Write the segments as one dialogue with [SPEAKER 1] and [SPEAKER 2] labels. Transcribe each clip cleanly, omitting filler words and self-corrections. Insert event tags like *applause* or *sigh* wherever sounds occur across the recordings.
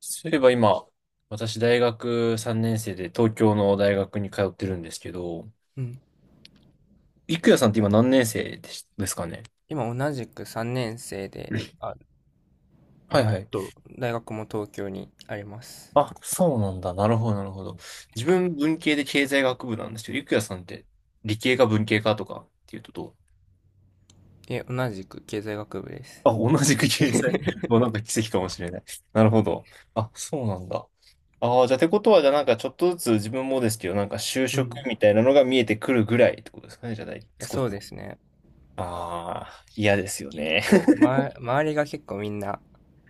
[SPEAKER 1] そういえば今、私大学3年生で東京の大学に通ってるんですけど、
[SPEAKER 2] うん。
[SPEAKER 1] いくやさんって今何年生ですかね？
[SPEAKER 2] 今同じく3年生で、あ、
[SPEAKER 1] はいはい。
[SPEAKER 2] と大学も東京にあります。
[SPEAKER 1] あ、そうなんだ。なるほど、なるほど。自分文系で経済学部なんですけど、いくやさんって理系か文系かとかっていうとどう？
[SPEAKER 2] え、同じく経済学部です。
[SPEAKER 1] あ、同じく経済。*laughs* もう
[SPEAKER 2] *laughs*
[SPEAKER 1] なんか奇跡かもしれない。なるほど。あ、そうなんだ。ああ、じゃあ、てことは、じゃあなんかちょっとずつ自分もですけど、なんか就
[SPEAKER 2] う
[SPEAKER 1] 職
[SPEAKER 2] ん。
[SPEAKER 1] みたいなのが見えてくるぐらいってことですかね、じゃあ、
[SPEAKER 2] *laughs* いや、
[SPEAKER 1] 少
[SPEAKER 2] そ
[SPEAKER 1] し。
[SPEAKER 2] うですね。
[SPEAKER 1] ああ、嫌ですよ
[SPEAKER 2] 結
[SPEAKER 1] ね。
[SPEAKER 2] 構、
[SPEAKER 1] *laughs*
[SPEAKER 2] ま、周りが結構みんな、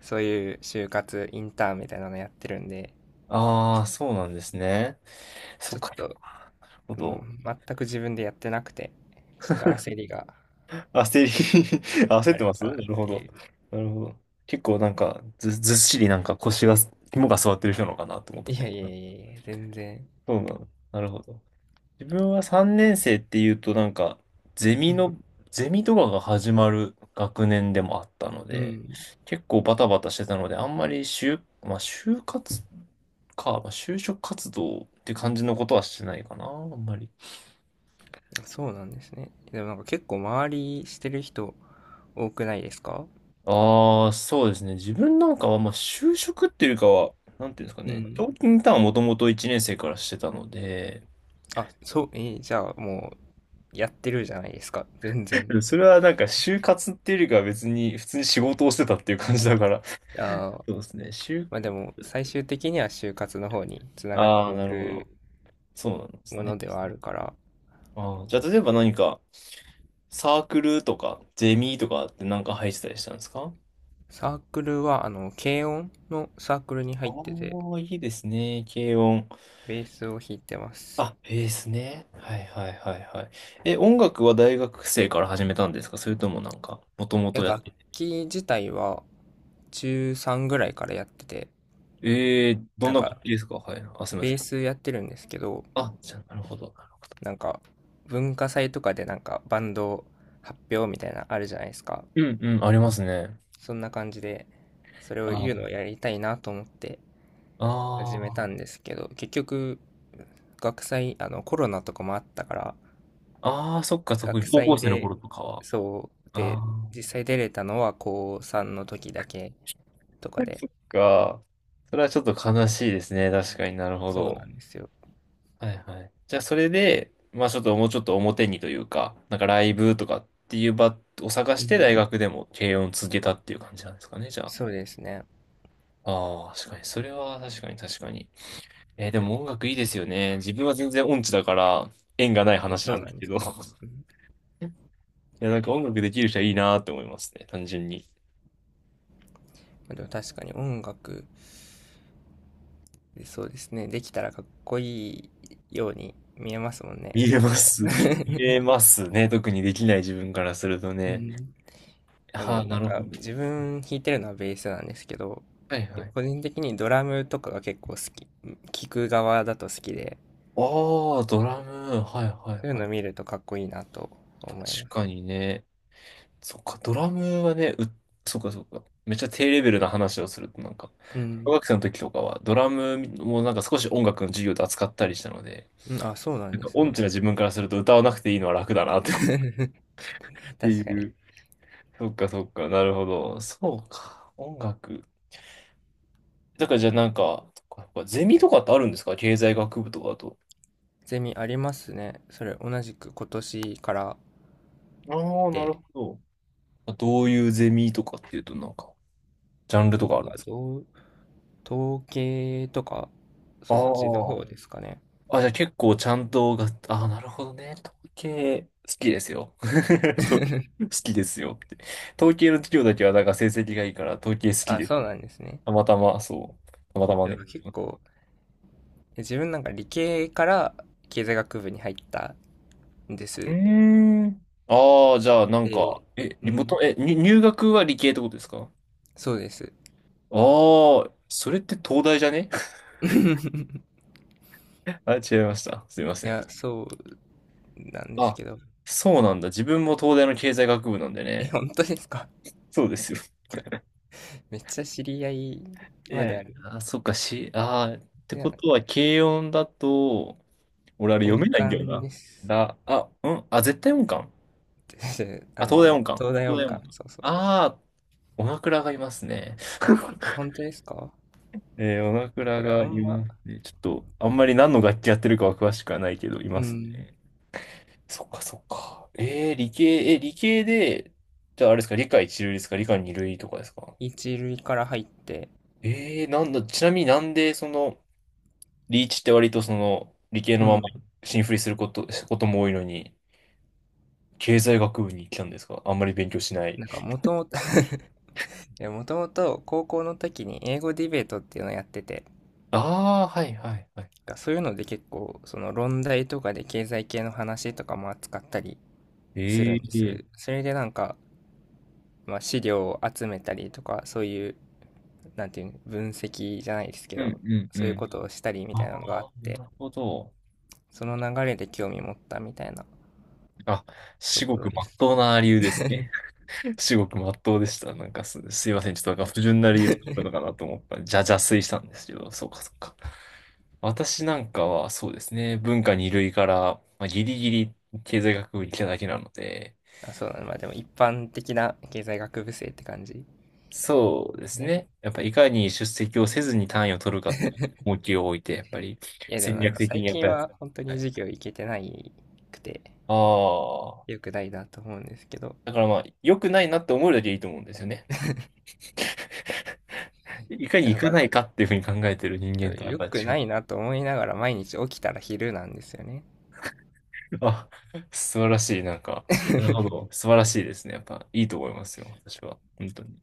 [SPEAKER 2] そういう就活、インターンみたいなのやってるんで、
[SPEAKER 1] ああ、そうなんですね。そ
[SPEAKER 2] ち
[SPEAKER 1] っ
[SPEAKER 2] ょっ
[SPEAKER 1] か、そっ
[SPEAKER 2] と、
[SPEAKER 1] か。なるほ
[SPEAKER 2] う
[SPEAKER 1] ど。
[SPEAKER 2] ん、全く自分でやってなくて、ちょっと焦りが
[SPEAKER 1] 焦り *laughs* 焦っ
[SPEAKER 2] あ
[SPEAKER 1] て
[SPEAKER 2] る
[SPEAKER 1] ます、
[SPEAKER 2] か
[SPEAKER 1] な
[SPEAKER 2] なっ
[SPEAKER 1] るほ
[SPEAKER 2] て
[SPEAKER 1] ど。
[SPEAKER 2] いう。
[SPEAKER 1] なるほど。結構なんか、ずっしりなんか腰が、肝が座ってる人なのかなと思った
[SPEAKER 2] い
[SPEAKER 1] け
[SPEAKER 2] やいやい
[SPEAKER 1] ど。
[SPEAKER 2] やいや、全然。
[SPEAKER 1] そうなの。なるほど。自分は3年生っていうとなんか、ゼ
[SPEAKER 2] う
[SPEAKER 1] ミ
[SPEAKER 2] ん。
[SPEAKER 1] の、ゼミとかが始まる学年でもあったの
[SPEAKER 2] う
[SPEAKER 1] で、
[SPEAKER 2] ん。
[SPEAKER 1] 結構バタバタしてたので、あんまりまあ就活か、まあ、就職活動って感じのことはしてないかな、あんまり。
[SPEAKER 2] そうなんですね。でもなんか結構周りしてる人多くないですか？
[SPEAKER 1] ああ、そうですね。自分なんかは、まあ就職っていうかは、なんていうんですか
[SPEAKER 2] う
[SPEAKER 1] ね、
[SPEAKER 2] ん。
[SPEAKER 1] 長期インターンをもともと1年生からしてたので、
[SPEAKER 2] あ、そう、じゃあもうやってるじゃないですか、全然。
[SPEAKER 1] *laughs* それはなんか就活っていうよりかは別に普通に仕事をしてたっていう感じだから、
[SPEAKER 2] あー、
[SPEAKER 1] そうですね。
[SPEAKER 2] まあでも最終的には就活の方につながっ
[SPEAKER 1] あ
[SPEAKER 2] て
[SPEAKER 1] あ、
[SPEAKER 2] い
[SPEAKER 1] なるほ
[SPEAKER 2] く
[SPEAKER 1] ど。そうなんです
[SPEAKER 2] もの
[SPEAKER 1] ね。
[SPEAKER 2] ではあるから、
[SPEAKER 1] ああ、じゃあ、例えば何か、サークルとか、ゼミとかってなんか入ってたりしたんですか？
[SPEAKER 2] サークルは軽音のサークルに
[SPEAKER 1] あ
[SPEAKER 2] 入ってて、
[SPEAKER 1] あ、いいですね。軽音。
[SPEAKER 2] ベースを弾いてます。
[SPEAKER 1] あ、ベースね。はいはいはいはい。え、音楽は大学生から始めたんですか？それともなんか、もともと
[SPEAKER 2] え、
[SPEAKER 1] やっ
[SPEAKER 2] 楽
[SPEAKER 1] てて。
[SPEAKER 2] 器自体は中3ぐらいからやってて、
[SPEAKER 1] ど
[SPEAKER 2] な
[SPEAKER 1] ん
[SPEAKER 2] ん
[SPEAKER 1] な
[SPEAKER 2] か
[SPEAKER 1] 楽器ですか？はい。あ、すみま
[SPEAKER 2] ベ
[SPEAKER 1] せ
[SPEAKER 2] ー
[SPEAKER 1] ん。
[SPEAKER 2] スやってるんですけど、
[SPEAKER 1] あ、じゃあ、なるほど。
[SPEAKER 2] なんか文化祭とかでなんかバンド発表みたいなのあるじゃないですか。
[SPEAKER 1] うんうん、ありますね。
[SPEAKER 2] そんな感じで、それを言うのを
[SPEAKER 1] あ
[SPEAKER 2] やりたいなと思って
[SPEAKER 1] あ、
[SPEAKER 2] 始め
[SPEAKER 1] あ
[SPEAKER 2] たん
[SPEAKER 1] ー
[SPEAKER 2] ですけど、結局、学祭、コロナとかもあったから、
[SPEAKER 1] あー、そっかそっか。
[SPEAKER 2] 学
[SPEAKER 1] 高校
[SPEAKER 2] 祭
[SPEAKER 1] 生の
[SPEAKER 2] で、
[SPEAKER 1] 頃とかは。
[SPEAKER 2] そう、で、
[SPEAKER 1] ああ。
[SPEAKER 2] 実際出れたのは高3の時だけとか
[SPEAKER 1] *laughs*
[SPEAKER 2] で、
[SPEAKER 1] そっか。それはちょっと悲しいですね。確かになるほ
[SPEAKER 2] そうな
[SPEAKER 1] ど。
[SPEAKER 2] んですよ。
[SPEAKER 1] はいはい。じゃあそれで、まあちょっともうちょっと表にというか、なんかライブとかっていう場を探
[SPEAKER 2] う
[SPEAKER 1] して
[SPEAKER 2] ん。
[SPEAKER 1] 大学でも軽音を続けたっていう感じなんですかね、じゃあ。
[SPEAKER 2] そうですね。
[SPEAKER 1] ああ、確かに。それは確かに確かに。でも音楽いいですよね。自分は全然音痴だから縁がない
[SPEAKER 2] ね、
[SPEAKER 1] 話
[SPEAKER 2] そ
[SPEAKER 1] な
[SPEAKER 2] う
[SPEAKER 1] ん
[SPEAKER 2] な
[SPEAKER 1] です
[SPEAKER 2] んで
[SPEAKER 1] け
[SPEAKER 2] す
[SPEAKER 1] ど。
[SPEAKER 2] か？う
[SPEAKER 1] *laughs*
[SPEAKER 2] ん。ま
[SPEAKER 1] いや、なんか音楽できる人はいいなって思いますね。単純に。
[SPEAKER 2] あでも確かに音楽、そうですね。できたらかっこいいように見えますもんね、
[SPEAKER 1] 見え
[SPEAKER 2] 結
[SPEAKER 1] ま
[SPEAKER 2] 構。
[SPEAKER 1] す。*laughs* 見え
[SPEAKER 2] *laughs*
[SPEAKER 1] ますね。特にできない自分からすると
[SPEAKER 2] う
[SPEAKER 1] ね。
[SPEAKER 2] ん。で
[SPEAKER 1] は
[SPEAKER 2] も
[SPEAKER 1] あ、
[SPEAKER 2] な
[SPEAKER 1] な
[SPEAKER 2] ん
[SPEAKER 1] るほ
[SPEAKER 2] か
[SPEAKER 1] ど。
[SPEAKER 2] 自分弾いてるのはベースなんですけど、
[SPEAKER 1] はいはい。
[SPEAKER 2] 個人的にドラムとかが結構好き、聞く側だと好きで、
[SPEAKER 1] ああ、ドラム。はいはい
[SPEAKER 2] そういう
[SPEAKER 1] はい。
[SPEAKER 2] の見るとかっこいいなと
[SPEAKER 1] 確
[SPEAKER 2] 思います。
[SPEAKER 1] かにね。そっか、ドラムはね、そっかそっか。めっちゃ低レベルな話をすると、なんか、
[SPEAKER 2] う
[SPEAKER 1] 小
[SPEAKER 2] ん。
[SPEAKER 1] 学生の時とかは、ドラムもなんか少し音楽の授業で扱ったりしたので、
[SPEAKER 2] うんあ、そうなん
[SPEAKER 1] なん
[SPEAKER 2] で
[SPEAKER 1] か
[SPEAKER 2] す
[SPEAKER 1] 音
[SPEAKER 2] ね。
[SPEAKER 1] 痴な自分からすると歌わなくていいのは楽だなって思うっ
[SPEAKER 2] *laughs*
[SPEAKER 1] て
[SPEAKER 2] 確か
[SPEAKER 1] い
[SPEAKER 2] に。
[SPEAKER 1] う。そっかそっか、なるほど。そうか、音楽。だからじゃあなんか、そっかそっかゼミとかってあるんですか？経済学部とかだと。
[SPEAKER 2] ゼミありますね。それ同じく今年から
[SPEAKER 1] ああ、なる
[SPEAKER 2] で、
[SPEAKER 1] ほど。どういうゼミとかっていうと、なんか、ジャンル
[SPEAKER 2] な
[SPEAKER 1] と
[SPEAKER 2] ん
[SPEAKER 1] かあるん
[SPEAKER 2] か
[SPEAKER 1] ですか？
[SPEAKER 2] 統計とか、
[SPEAKER 1] あ
[SPEAKER 2] そっちの方ですかね。
[SPEAKER 1] あ。あ、じゃあ結構ちゃんとが、ああ、なるほどね。統計、好きですよ。*laughs* 統計好
[SPEAKER 2] *laughs*
[SPEAKER 1] きですよって。統計の授業だけはなんか成績がいいから、統計好き
[SPEAKER 2] あ、
[SPEAKER 1] です。
[SPEAKER 2] そうなんですね。
[SPEAKER 1] たまたま、そう。たまたま
[SPEAKER 2] なん
[SPEAKER 1] ね。
[SPEAKER 2] か結構、自分なんか理系から経済学部に入ったで
[SPEAKER 1] う
[SPEAKER 2] す。
[SPEAKER 1] ーん。ああ、じゃあなんか、
[SPEAKER 2] で、
[SPEAKER 1] え、
[SPEAKER 2] う
[SPEAKER 1] リモー
[SPEAKER 2] ん、
[SPEAKER 1] ト、え、に入学は理系ってことですか？
[SPEAKER 2] そうです。
[SPEAKER 1] ああ、それって東大じゃね？
[SPEAKER 2] *laughs* い
[SPEAKER 1] *laughs* あ、違いました。すいませ
[SPEAKER 2] や、
[SPEAKER 1] ん。
[SPEAKER 2] そうなんです
[SPEAKER 1] あ、
[SPEAKER 2] けど。
[SPEAKER 1] そうなんだ。自分も東大の経済学部なんで
[SPEAKER 2] え、
[SPEAKER 1] ね。
[SPEAKER 2] 本当ですか？
[SPEAKER 1] そうですよ。
[SPEAKER 2] じゃ *laughs* めっちゃ知り合い
[SPEAKER 1] い
[SPEAKER 2] ま
[SPEAKER 1] や、
[SPEAKER 2] である。
[SPEAKER 1] あ、そっか、し、あー、って
[SPEAKER 2] いや、
[SPEAKER 1] ことは、軽音だと、俺あれ読
[SPEAKER 2] 音
[SPEAKER 1] めないんだよ
[SPEAKER 2] 感
[SPEAKER 1] な。
[SPEAKER 2] です。
[SPEAKER 1] うん、あ、絶対音感。
[SPEAKER 2] *laughs* あ
[SPEAKER 1] あ、東大
[SPEAKER 2] の、
[SPEAKER 1] 音感。
[SPEAKER 2] 東大
[SPEAKER 1] 東大
[SPEAKER 2] 音
[SPEAKER 1] 音
[SPEAKER 2] 感。
[SPEAKER 1] 感。
[SPEAKER 2] そうそうそう。
[SPEAKER 1] ああ、おなクがいますね。
[SPEAKER 2] あ、本
[SPEAKER 1] *laughs*
[SPEAKER 2] 当ですか？
[SPEAKER 1] おなク
[SPEAKER 2] で
[SPEAKER 1] が
[SPEAKER 2] これあ
[SPEAKER 1] い
[SPEAKER 2] んま、
[SPEAKER 1] ますね。ちょっと、あんまり何の楽器やってるかは詳しくはないけど、い
[SPEAKER 2] う
[SPEAKER 1] ますね。
[SPEAKER 2] ん、
[SPEAKER 1] そっか、そっか。理系で、じゃああれですか、理科一類ですか、理科二類とかですか。
[SPEAKER 2] 一類から入って、
[SPEAKER 1] なんだ、ちなみになんで、その、リーチって割とその理系
[SPEAKER 2] う
[SPEAKER 1] のまま
[SPEAKER 2] ん。
[SPEAKER 1] 進振りすることも多いのに、経済学部に来たんですか？あんまり勉強しない。
[SPEAKER 2] なんかもともと *laughs* いや、もともと高校の時に英語ディベートっていうのをやってて、
[SPEAKER 1] ああ、はいはいはい。
[SPEAKER 2] そういうので結構、その論題とかで経済系の話とかも扱ったりする
[SPEAKER 1] え
[SPEAKER 2] んで
[SPEAKER 1] え
[SPEAKER 2] す。それでなんか、まあ、資料を集めたりとか、そういう、なんていうの、分析じゃないですけ
[SPEAKER 1] うん
[SPEAKER 2] ど、
[SPEAKER 1] うんう
[SPEAKER 2] そういう
[SPEAKER 1] ん。
[SPEAKER 2] ことをしたりみ
[SPEAKER 1] あ
[SPEAKER 2] たいなのがあっ
[SPEAKER 1] あ、
[SPEAKER 2] て、
[SPEAKER 1] なるほど。
[SPEAKER 2] その流れで興味持ったみたいな
[SPEAKER 1] あ、
[SPEAKER 2] と
[SPEAKER 1] 至
[SPEAKER 2] ころ
[SPEAKER 1] 極真
[SPEAKER 2] で
[SPEAKER 1] っ
[SPEAKER 2] す。
[SPEAKER 1] 当な理由です
[SPEAKER 2] *laughs*
[SPEAKER 1] ね。*laughs* 至極真っ当でした。なんかすいません。ちょっとなんか不純な理由とかあるのかなと思った。じゃ、邪推したんですけど、そうかそうか。私なんかはそうですね。文化二類から、まあ、ギリギリ経済学部に来ただけなので、
[SPEAKER 2] あ、そうなの、まあでも一般的な経済学部生って感じで
[SPEAKER 1] そうで
[SPEAKER 2] す
[SPEAKER 1] す
[SPEAKER 2] ね。
[SPEAKER 1] ね。やっぱいかに出席をせずに単位を取るかって重きを置いて、やっぱり
[SPEAKER 2] いやでも
[SPEAKER 1] 戦
[SPEAKER 2] なん
[SPEAKER 1] 略
[SPEAKER 2] か
[SPEAKER 1] 的
[SPEAKER 2] 最
[SPEAKER 1] にやっぱ
[SPEAKER 2] 近
[SPEAKER 1] りやつ。
[SPEAKER 2] は本当
[SPEAKER 1] は
[SPEAKER 2] に
[SPEAKER 1] い。
[SPEAKER 2] 授業行けてないくて、
[SPEAKER 1] ああ。
[SPEAKER 2] 良くないなと思うんですけど、
[SPEAKER 1] だからまあ、良くないなって思うだけいいと思うんですよね。いかに
[SPEAKER 2] な
[SPEAKER 1] 行
[SPEAKER 2] ん
[SPEAKER 1] か
[SPEAKER 2] か
[SPEAKER 1] ないかっていうふうに考えてる人間とはやっ
[SPEAKER 2] よ
[SPEAKER 1] ぱ
[SPEAKER 2] く
[SPEAKER 1] 違
[SPEAKER 2] な
[SPEAKER 1] う。
[SPEAKER 2] いなと思いながら毎日起きたら昼なんですよね
[SPEAKER 1] *laughs* あ、素晴らしい。なんか、なるほ
[SPEAKER 2] *laughs*。
[SPEAKER 1] ど。素晴らしいですね。やっぱいいと思いますよ。私は。本当に。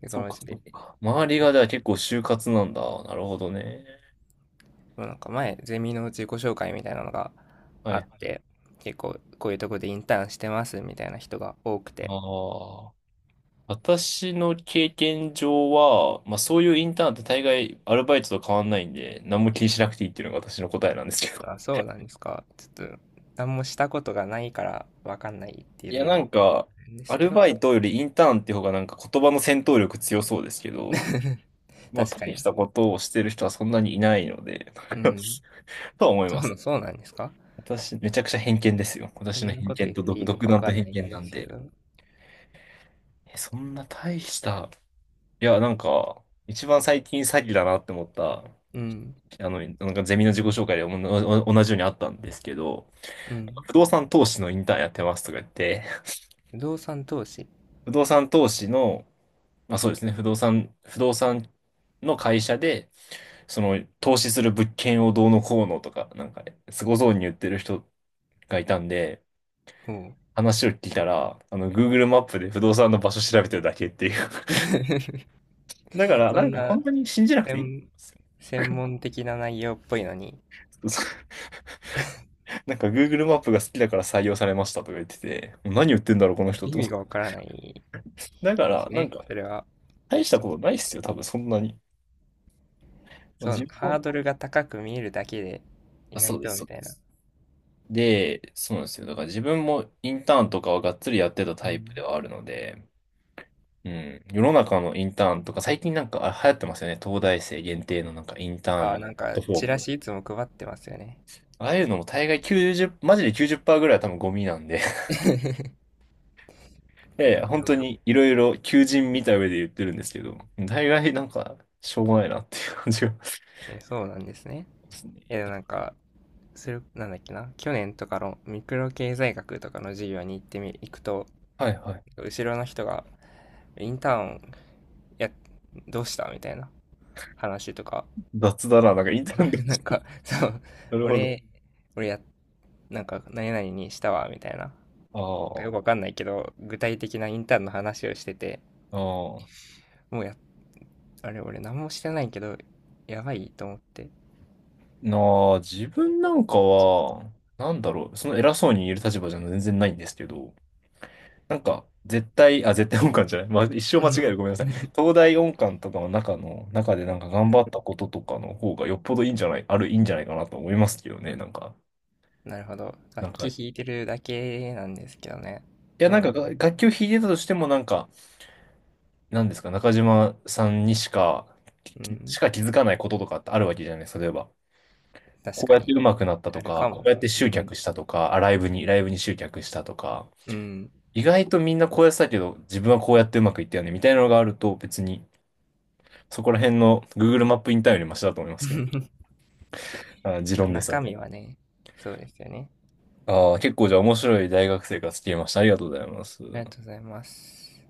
[SPEAKER 2] で、こ
[SPEAKER 1] そう
[SPEAKER 2] のう
[SPEAKER 1] か、
[SPEAKER 2] ち
[SPEAKER 1] そ
[SPEAKER 2] で、
[SPEAKER 1] うか。周りがじゃあ結構就活なんだ。なるほどね。
[SPEAKER 2] なんか前、ゼミの自己紹介みたいなのが
[SPEAKER 1] は
[SPEAKER 2] あっ
[SPEAKER 1] い。
[SPEAKER 2] て、結構こういうとこでインターンしてますみたいな人が多くて、
[SPEAKER 1] ああ。私の経験上は、まあそういうインターンって大概アルバイトと変わんないんで、何も気にしなくていいっていうのが私の答えなんですけど。
[SPEAKER 2] あ、そうなんですか？ちょっと、何もしたことがないからわかんないってい
[SPEAKER 1] い
[SPEAKER 2] う
[SPEAKER 1] や
[SPEAKER 2] の
[SPEAKER 1] な
[SPEAKER 2] もあ
[SPEAKER 1] んか、
[SPEAKER 2] るんで
[SPEAKER 1] ア
[SPEAKER 2] すけ
[SPEAKER 1] ル
[SPEAKER 2] ど
[SPEAKER 1] バイトよりインターンって方がなんか言葉の戦闘力強そうですけど、
[SPEAKER 2] *laughs*。
[SPEAKER 1] まあ
[SPEAKER 2] 確か
[SPEAKER 1] 大し
[SPEAKER 2] に。
[SPEAKER 1] たことをしてる人はそんなにいないので、
[SPEAKER 2] うん。
[SPEAKER 1] *laughs* とは思い
[SPEAKER 2] そ
[SPEAKER 1] ます。
[SPEAKER 2] う、そうなんですか？
[SPEAKER 1] 私、めちゃくちゃ偏見ですよ。
[SPEAKER 2] そ
[SPEAKER 1] 私の
[SPEAKER 2] んな
[SPEAKER 1] 偏
[SPEAKER 2] こと
[SPEAKER 1] 見
[SPEAKER 2] 言っ
[SPEAKER 1] と
[SPEAKER 2] ていいの
[SPEAKER 1] 独
[SPEAKER 2] かわ
[SPEAKER 1] 断
[SPEAKER 2] か
[SPEAKER 1] と
[SPEAKER 2] ん
[SPEAKER 1] 偏
[SPEAKER 2] ないん
[SPEAKER 1] 見な
[SPEAKER 2] で
[SPEAKER 1] ん
[SPEAKER 2] すけ
[SPEAKER 1] で。
[SPEAKER 2] ど。
[SPEAKER 1] え、そんな大した、いやなんか、一番最近詐欺だなって思った、
[SPEAKER 2] うん。
[SPEAKER 1] あの、なんかゼミの自己紹介で同じようにあったんですけど、
[SPEAKER 2] うん。
[SPEAKER 1] 不動産投資のインターンやってますとか言って、
[SPEAKER 2] 不動産投資。
[SPEAKER 1] 不動産投資の、まあそうですね、不動産の会社で、その投資する物件をどうのこうのとか、なんか、すごそうに言ってる人がいたんで、
[SPEAKER 2] ほう。
[SPEAKER 1] 話を聞いたら、あの、Google マップで不動産の場所調べてるだけっていう。*laughs* だから、
[SPEAKER 2] そ
[SPEAKER 1] なん
[SPEAKER 2] ん
[SPEAKER 1] か
[SPEAKER 2] な
[SPEAKER 1] 本当に信じなくていい。
[SPEAKER 2] 専、専門的な内容っぽいのに、
[SPEAKER 1] *laughs* そう、なんか Google マップが好きだから採用されましたとか言ってて、何言ってんだろう、この人
[SPEAKER 2] 意
[SPEAKER 1] と思
[SPEAKER 2] 味
[SPEAKER 1] っ
[SPEAKER 2] がわ
[SPEAKER 1] て。
[SPEAKER 2] からない
[SPEAKER 1] だか
[SPEAKER 2] で
[SPEAKER 1] ら、
[SPEAKER 2] す
[SPEAKER 1] なん
[SPEAKER 2] ね。
[SPEAKER 1] か、
[SPEAKER 2] それは。
[SPEAKER 1] 大した
[SPEAKER 2] そ
[SPEAKER 1] ことないっすよ、多分そんなに。まあ、
[SPEAKER 2] そ
[SPEAKER 1] 自
[SPEAKER 2] う、
[SPEAKER 1] 分も、
[SPEAKER 2] ハードルが高く見えるだけで、
[SPEAKER 1] あ、
[SPEAKER 2] 意
[SPEAKER 1] そ
[SPEAKER 2] 外
[SPEAKER 1] うで
[SPEAKER 2] と
[SPEAKER 1] す、そ
[SPEAKER 2] み
[SPEAKER 1] う
[SPEAKER 2] た
[SPEAKER 1] で
[SPEAKER 2] いな。
[SPEAKER 1] す。で、そうなんですよ。だから自分もインターンとかはがっつりやってた
[SPEAKER 2] う
[SPEAKER 1] タイプ
[SPEAKER 2] ん。
[SPEAKER 1] ではあるので、うん。世の中のインターンとか、最近なんかあ流行ってますよね。東大生限定のなんかインターン
[SPEAKER 2] ああ、
[SPEAKER 1] のプ
[SPEAKER 2] なん
[SPEAKER 1] ラッ
[SPEAKER 2] か、
[SPEAKER 1] トフォー
[SPEAKER 2] チ
[SPEAKER 1] ム
[SPEAKER 2] ラ
[SPEAKER 1] とか。
[SPEAKER 2] シいつも配ってますよね。
[SPEAKER 1] ああいうのも大概90、マジで90%ぐらいは多分ゴミなんで。
[SPEAKER 2] *laughs* で
[SPEAKER 1] *laughs* いやいや *laughs*、本当
[SPEAKER 2] も
[SPEAKER 1] にいろいろ求人見た上で言ってるんですけど、大概なんかしょうがないなっていう感じがし
[SPEAKER 2] え、そうなんですね。
[SPEAKER 1] ますね。
[SPEAKER 2] え、でもなんか、それ、なんだっけな、去年とかのミクロ経済学とかの授業に行って行くと、
[SPEAKER 1] はいはい。
[SPEAKER 2] 後ろの人が、インターン、や、どうしたみたいな話とか、
[SPEAKER 1] 雑だな、なんかインターンで
[SPEAKER 2] *laughs* な
[SPEAKER 1] し
[SPEAKER 2] ん
[SPEAKER 1] た。
[SPEAKER 2] か、そう、
[SPEAKER 1] *laughs* なるほど。
[SPEAKER 2] 俺、俺や、なんか、何々にしたわ、みたいな。
[SPEAKER 1] あ
[SPEAKER 2] よくわ
[SPEAKER 1] あ。
[SPEAKER 2] かんないけど、具体的なインターンの話をしてて、
[SPEAKER 1] ああ。
[SPEAKER 2] もうや、あれ、俺何もしてないけど、やばいと思って。
[SPEAKER 1] な自分なんかは、なんだろう、その偉そうに言える立場じゃ全然ないんですけど、なんか、絶対音感じゃない。まあ、一生
[SPEAKER 2] う
[SPEAKER 1] 間
[SPEAKER 2] ん。
[SPEAKER 1] 違える。ごめんなさい。
[SPEAKER 2] *laughs*
[SPEAKER 1] 東大音感とかの中でなんか
[SPEAKER 2] う
[SPEAKER 1] 頑張
[SPEAKER 2] ん。
[SPEAKER 1] ったこととかの方がよっぽどいいんじゃないかなと思いますけどね、なんか。
[SPEAKER 2] なるほど。
[SPEAKER 1] な
[SPEAKER 2] 楽
[SPEAKER 1] んか、
[SPEAKER 2] 器
[SPEAKER 1] い
[SPEAKER 2] 弾いてるだけなんですけどね。
[SPEAKER 1] や、な
[SPEAKER 2] ど
[SPEAKER 1] ん
[SPEAKER 2] うな
[SPEAKER 1] か
[SPEAKER 2] ん
[SPEAKER 1] が、
[SPEAKER 2] だろ
[SPEAKER 1] 楽器を弾いてたとしても、なんか、なんですか、中島さんにしか、
[SPEAKER 2] う。う
[SPEAKER 1] きし
[SPEAKER 2] ん。
[SPEAKER 1] か気づかないこととかってあるわけじゃないですか、例えば。
[SPEAKER 2] 確
[SPEAKER 1] こう
[SPEAKER 2] か
[SPEAKER 1] やって
[SPEAKER 2] に。
[SPEAKER 1] 上手くなった
[SPEAKER 2] あ
[SPEAKER 1] と
[SPEAKER 2] る
[SPEAKER 1] か、
[SPEAKER 2] か
[SPEAKER 1] こ
[SPEAKER 2] も。
[SPEAKER 1] うやって
[SPEAKER 2] う
[SPEAKER 1] 集
[SPEAKER 2] ん。
[SPEAKER 1] 客したとか、あ、ライブに集客したとか、
[SPEAKER 2] うん。
[SPEAKER 1] 意外とみんなこうやってたけど、自分はこうやってうまくいったよね、みたいなのがあると、別に、そこら辺の Google マップインターンよりマシだと思いますけど。
[SPEAKER 2] *laughs*
[SPEAKER 1] あ、持論です。
[SPEAKER 2] 中身はね、そうですよね。
[SPEAKER 1] ああ、結構じゃあ面白い大学生活聞けました。ありがとうございます。
[SPEAKER 2] ありがとうございます。